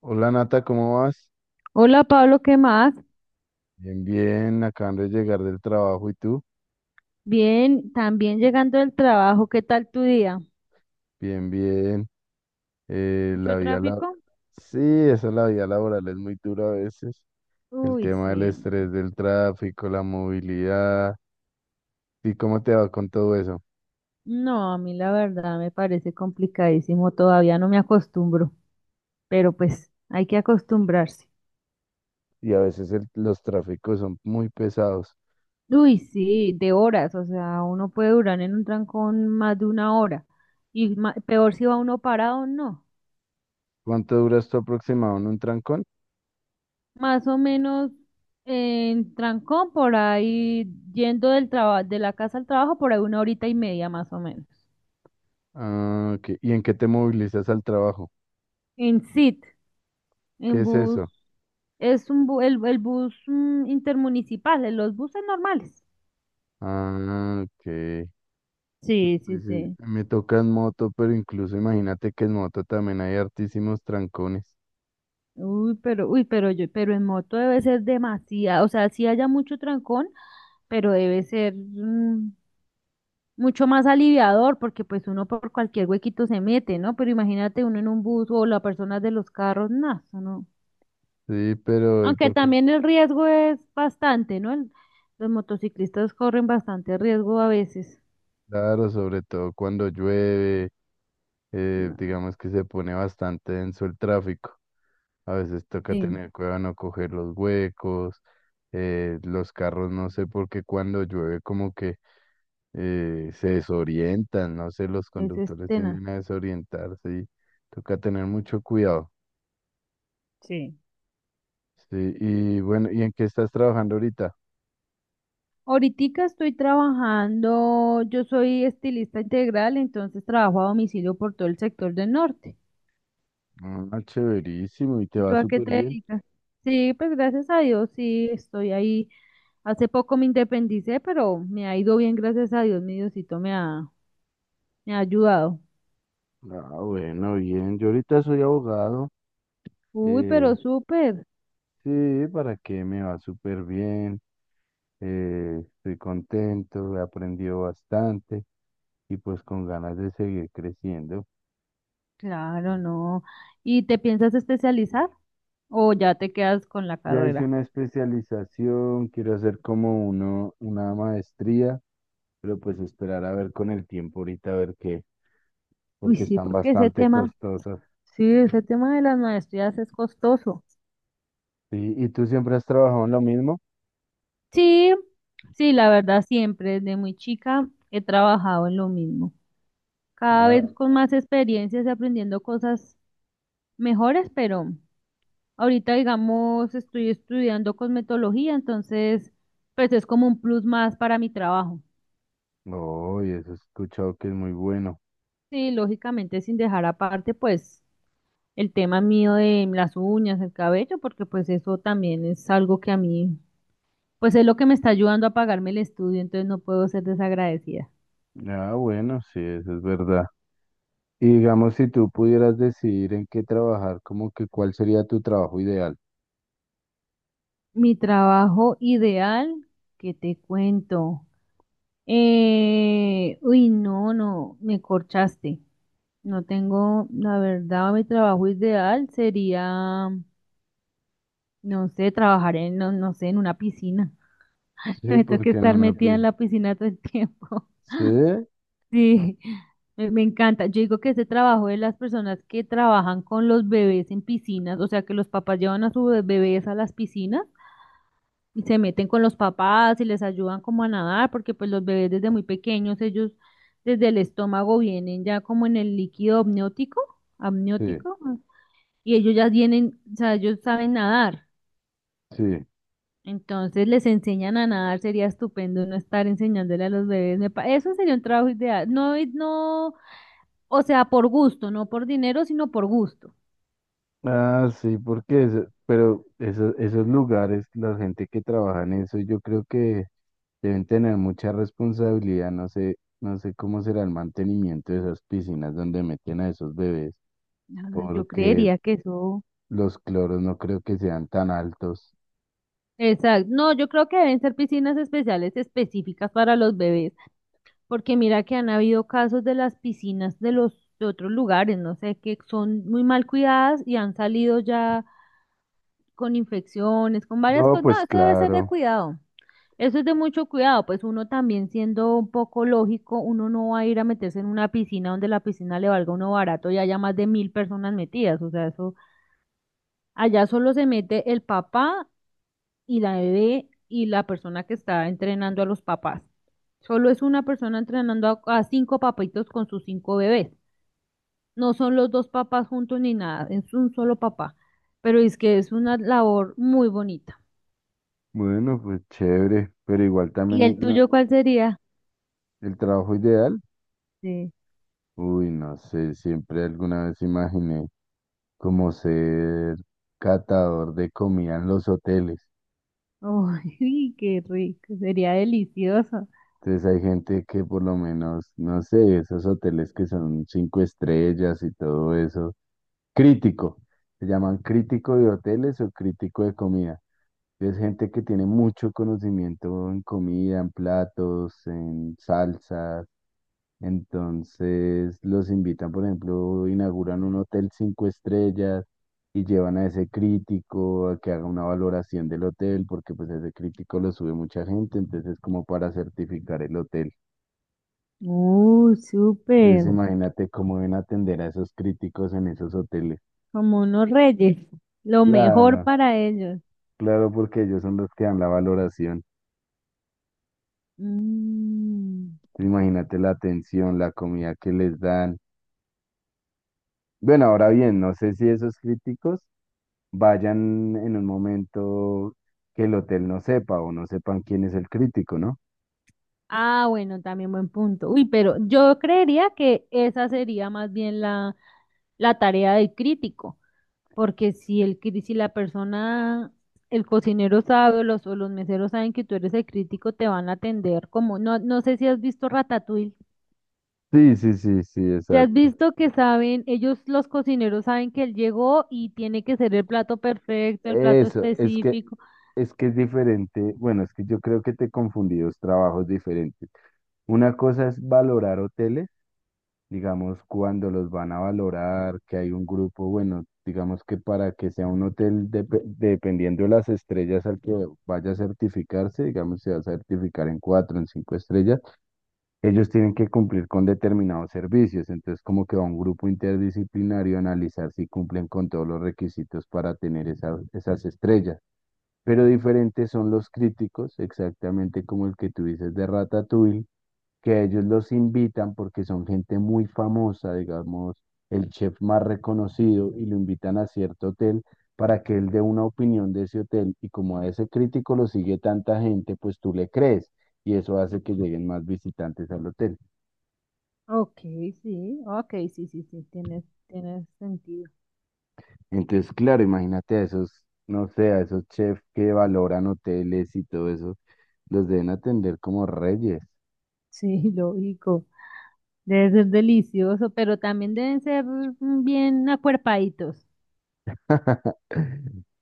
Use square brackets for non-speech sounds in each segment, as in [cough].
Hola Nata, ¿cómo vas? Hola Pablo, ¿qué más? Bien, bien, acaban de llegar del trabajo y tú, Bien, también llegando del trabajo, ¿qué tal tu día? bien, bien. Eh, ¿Mucho la vida la... tráfico? Sí, esa la vida laboral es muy dura a veces. El Uy, tema del sí, no. estrés, del tráfico, la movilidad. ¿Y cómo te va con todo eso? No, a mí la verdad me parece complicadísimo, todavía no me acostumbro, pero pues hay que acostumbrarse. Y a veces los tráficos son muy pesados. Uy, sí, de horas, o sea, uno puede durar en un trancón más de una hora y peor si va uno parado, no. ¿Cuánto duras tú aproximado en un trancón? Más o menos en trancón por ahí, yendo del trabajo, de la casa al trabajo, por ahí una horita y media más o menos. Ah, ok. ¿Y en qué te movilizas al trabajo? En SIT, ¿Qué en es bus, eso? es un el bus intermunicipal, en los buses normales. Ah, ok. Sí, sí, Sí, sí. me toca en moto, pero incluso imagínate que en moto también hay hartísimos trancones. Uy, pero yo, pero en moto debe ser demasiado, o sea, sí haya mucho trancón, pero debe ser mucho más aliviador, porque pues uno por cualquier huequito se mete, ¿no? Pero imagínate uno en un bus o la persona de los carros, nada, no. Sí, pero ¿y Aunque por qué? también el riesgo es bastante, ¿no? Los motociclistas corren bastante riesgo a veces. Claro, sobre todo cuando llueve, No. digamos que se pone bastante denso el tráfico. A veces toca Sí. tener cuidado no coger los huecos, los carros, no sé por qué cuando llueve como que se desorientan, no sé, los Es conductores tenaz. tienden a desorientarse y toca tener mucho cuidado. Sí. Sí, y bueno, ¿y en qué estás trabajando ahorita? Ahoritica estoy trabajando, yo soy estilista integral, entonces trabajo a domicilio por todo el sector del norte. Ah, chéverísimo, y te ¿Y va tú a qué súper te bien. dedicas? Sí, pues gracias a Dios, sí, estoy ahí. Hace poco me independicé, pero me ha ido bien, gracias a Dios, mi Diosito me ha ayudado. Ah, bueno, bien. Yo ahorita soy abogado. Uy, eh, pero súper, sí, ¿para qué? Me va súper bien. Estoy contento, he aprendido bastante y pues con ganas de seguir creciendo. claro, no. ¿Y te piensas especializar o ya te quedas con la Ya hice carrera? una especialización, quiero hacer como una maestría, pero pues esperar a ver con el tiempo ahorita a ver qué, Uy, porque sí, están porque ese bastante tema, costosas. sí, ese tema de las maestrías es costoso. Sí, ¿y tú siempre has trabajado en lo mismo? Sí, sí, la verdad siempre desde muy chica he trabajado en lo mismo. Cada Ah. vez con más experiencias y aprendiendo cosas mejores, pero ahorita digamos estoy estudiando cosmetología, entonces pues es como un plus más para mi trabajo. Oh, y eso he escuchado que es muy bueno. Sí, lógicamente sin dejar aparte pues el tema mío de las uñas, el cabello, porque pues eso también es algo que a mí pues es lo que me está ayudando a pagarme el estudio, entonces no puedo ser desagradecida. Ah, bueno, sí, eso es verdad. Y digamos, si tú pudieras decidir en qué trabajar, como que cuál sería tu trabajo ideal. Mi trabajo ideal, ¿qué te cuento? Uy, no, no, me corchaste. No tengo, la verdad, mi trabajo ideal sería, no sé, trabajar en, no, no sé, en una piscina. [laughs] Que Sí, me toque porque no estar me metida en la piscina todo el tiempo. sí, [laughs] Sí, me encanta. Yo digo que ese trabajo de las personas que trabajan con los bebés en piscinas, o sea, que los papás llevan a sus bebés a las piscinas. Y se meten con los papás y les ayudan como a nadar, porque pues los bebés desde muy pequeños, ellos desde el estómago vienen ya como en el líquido amniótico, sí, amniótico, y ellos ya vienen, o sea, ellos saben nadar. sí. Entonces les enseñan a nadar, sería estupendo no estar enseñándole a los bebés. Eso sería un trabajo ideal. No, y no, o sea, por gusto, no por dinero, sino por gusto. Ah, sí, porque eso, pero esos lugares, la gente que trabaja en eso, yo creo que deben tener mucha responsabilidad. No sé, no sé cómo será el mantenimiento de esas piscinas donde meten a esos bebés, Ay, yo porque creería que eso. los cloros no creo que sean tan altos. Exacto. No, yo creo que deben ser piscinas especiales específicas para los bebés. Porque mira que han habido casos de las piscinas de los de otros lugares, no sé, que son muy mal cuidadas y han salido ya con infecciones, con varias No, cosas. No, pues eso debe ser de claro. cuidado. Eso es de mucho cuidado, pues uno también siendo un poco lógico, uno no va a ir a meterse en una piscina donde la piscina le valga a uno barato y haya más de mil personas metidas. O sea, eso allá solo se mete el papá y la bebé y la persona que está entrenando a los papás. Solo es una persona entrenando a cinco papitos con sus cinco bebés. No son los dos papás juntos ni nada, es un solo papá. Pero es que es una labor muy bonita. Bueno, pues chévere, pero igual también ¿Y el tuyo cuál sería? el trabajo ideal. Sí. Uy, no sé, siempre alguna vez imaginé como ser catador de comida en los hoteles. Uy, [laughs] qué rico, sería delicioso. Entonces hay gente que por lo menos, no sé, esos hoteles que son cinco estrellas y todo eso. Crítico, se llaman crítico de hoteles o crítico de comida. Es gente que tiene mucho conocimiento en comida, en platos, en salsas. Entonces los invitan, por ejemplo, inauguran un hotel cinco estrellas y llevan a ese crítico a que haga una valoración del hotel, porque pues ese crítico lo sube mucha gente, entonces es como para certificar el hotel. Súper, Entonces imagínate cómo deben atender a esos críticos en esos hoteles. como unos reyes, lo mejor Claro, para ellos. claro, porque ellos son los que dan la valoración. Mm. Imagínate la atención, la comida que les dan. Bueno, ahora bien, no sé si esos críticos vayan en un momento que el hotel no sepa o no sepan quién es el crítico, ¿no? Ah, bueno, también buen punto. Uy, pero yo creería que esa sería más bien la, tarea del crítico, porque si la persona, el cocinero sabe o los meseros saben que tú eres el crítico, te van a atender como, no, no sé si has visto Ratatouille. Sí, sí, sí, sí, ¿Te has exacto. visto que saben, ellos los cocineros saben que él llegó y tiene que ser el plato perfecto, el plato Eso, es que específico? es que es diferente. Bueno, es que yo creo que te confundí dos trabajos diferentes. Una cosa es valorar hoteles, digamos, cuando los van a valorar, que hay un grupo, bueno, digamos que para que sea un hotel, dependiendo de las estrellas al que vaya a certificarse, digamos, se va a certificar en cuatro, en cinco estrellas, ellos tienen que cumplir con determinados servicios, entonces como que va un grupo interdisciplinario a analizar si cumplen con todos los requisitos para tener esas estrellas. Pero diferentes son los críticos, exactamente como el que tú dices de Ratatouille, que a ellos los invitan porque son gente muy famosa, digamos, el chef más reconocido, y lo invitan a cierto hotel para que él dé una opinión de ese hotel, y como a ese crítico lo sigue tanta gente, pues tú le crees, y eso hace que lleguen más visitantes al hotel. Ok, sí, ok, sí, sí, sí, tienes sentido. Entonces, claro, imagínate a esos, no sé, a esos chefs que valoran hoteles y todo eso, los deben atender como reyes. Sí, [laughs] lógico. Debe ser delicioso, pero también deben ser bien acuerpaditos. [laughs]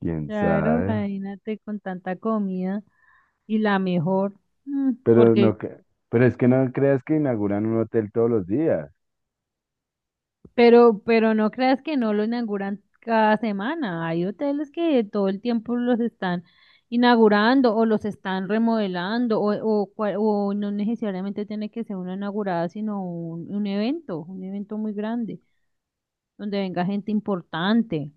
¿Quién Claro, sabe? imagínate con tanta comida y la mejor, mm, Pero porque, no, pero es que no creas que inauguran un hotel todos los días. Pero no creas que no lo inauguran cada semana. Hay hoteles que todo el tiempo los están inaugurando o los están remodelando o no necesariamente tiene que ser una inaugurada, sino un evento muy grande. Donde venga gente importante.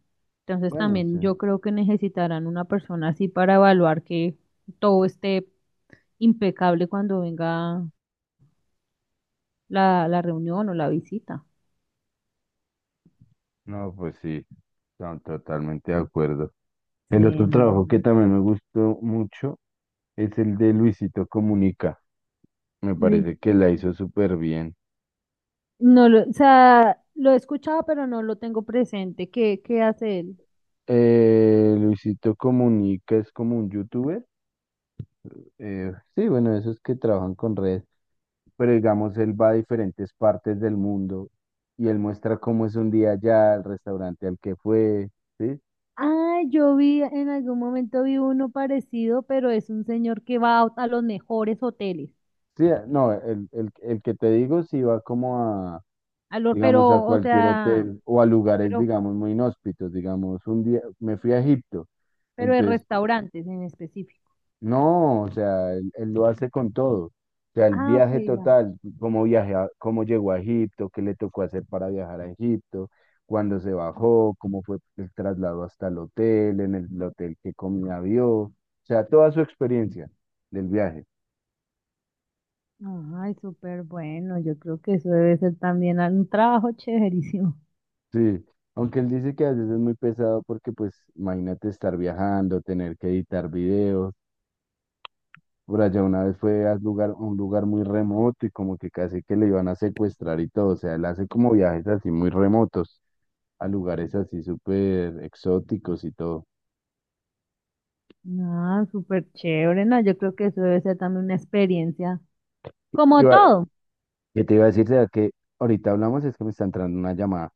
Entonces Bueno, sí. también yo creo que necesitarán una persona así para evaluar que todo esté impecable cuando venga la, reunión o la visita. No, pues sí, no, totalmente de acuerdo. El Sí, otro no, no, trabajo que no. también me gustó mucho es el de Luisito Comunica. Me Luis. parece que la hizo súper bien. No lo, o sea, lo he escuchado, pero no lo tengo presente. ¿Qué hace él? Luisito Comunica es como un youtuber. Sí, bueno, esos que trabajan con redes, pero digamos, él va a diferentes partes del mundo y él muestra cómo es un día allá, el restaurante al que fue, ¿sí? Ah, yo vi, en algún momento vi uno parecido, pero es un señor que va a los mejores hoteles, Sí, no, el que te digo sí va como a, a los, pero, digamos, a o cualquier sea, hotel o a lugares, pero, digamos, muy inhóspitos, digamos, un día me fui a Egipto, pero de entonces restaurantes en específico. no, o sea, él lo hace con todo. O sea, el Ah, ok, viaje ya. total, cómo cómo llegó a Egipto, qué le tocó hacer para viajar a Egipto, cuándo se bajó, cómo fue el traslado hasta el hotel, en el hotel qué comida vio, o sea, toda su experiencia del viaje. Ay, súper bueno. Yo creo que eso debe ser también un trabajo chéverísimo. [laughs] Sí, aunque él dice que a veces es muy pesado porque pues imagínate estar viajando, tener que editar videos. Por allá una vez fue a un lugar muy remoto y como que casi que le iban a secuestrar y todo. O sea, él hace como viajes así muy remotos a lugares así súper exóticos y todo. Ah, súper chévere. No, yo creo que eso debe ser también una experiencia. Como Iba- todo. ¿Qué te iba a decir? Sea que ahorita hablamos, es que me está entrando una llamada.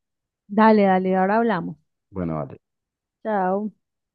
Dale, dale, ahora hablamos. Bueno, vale. Chao.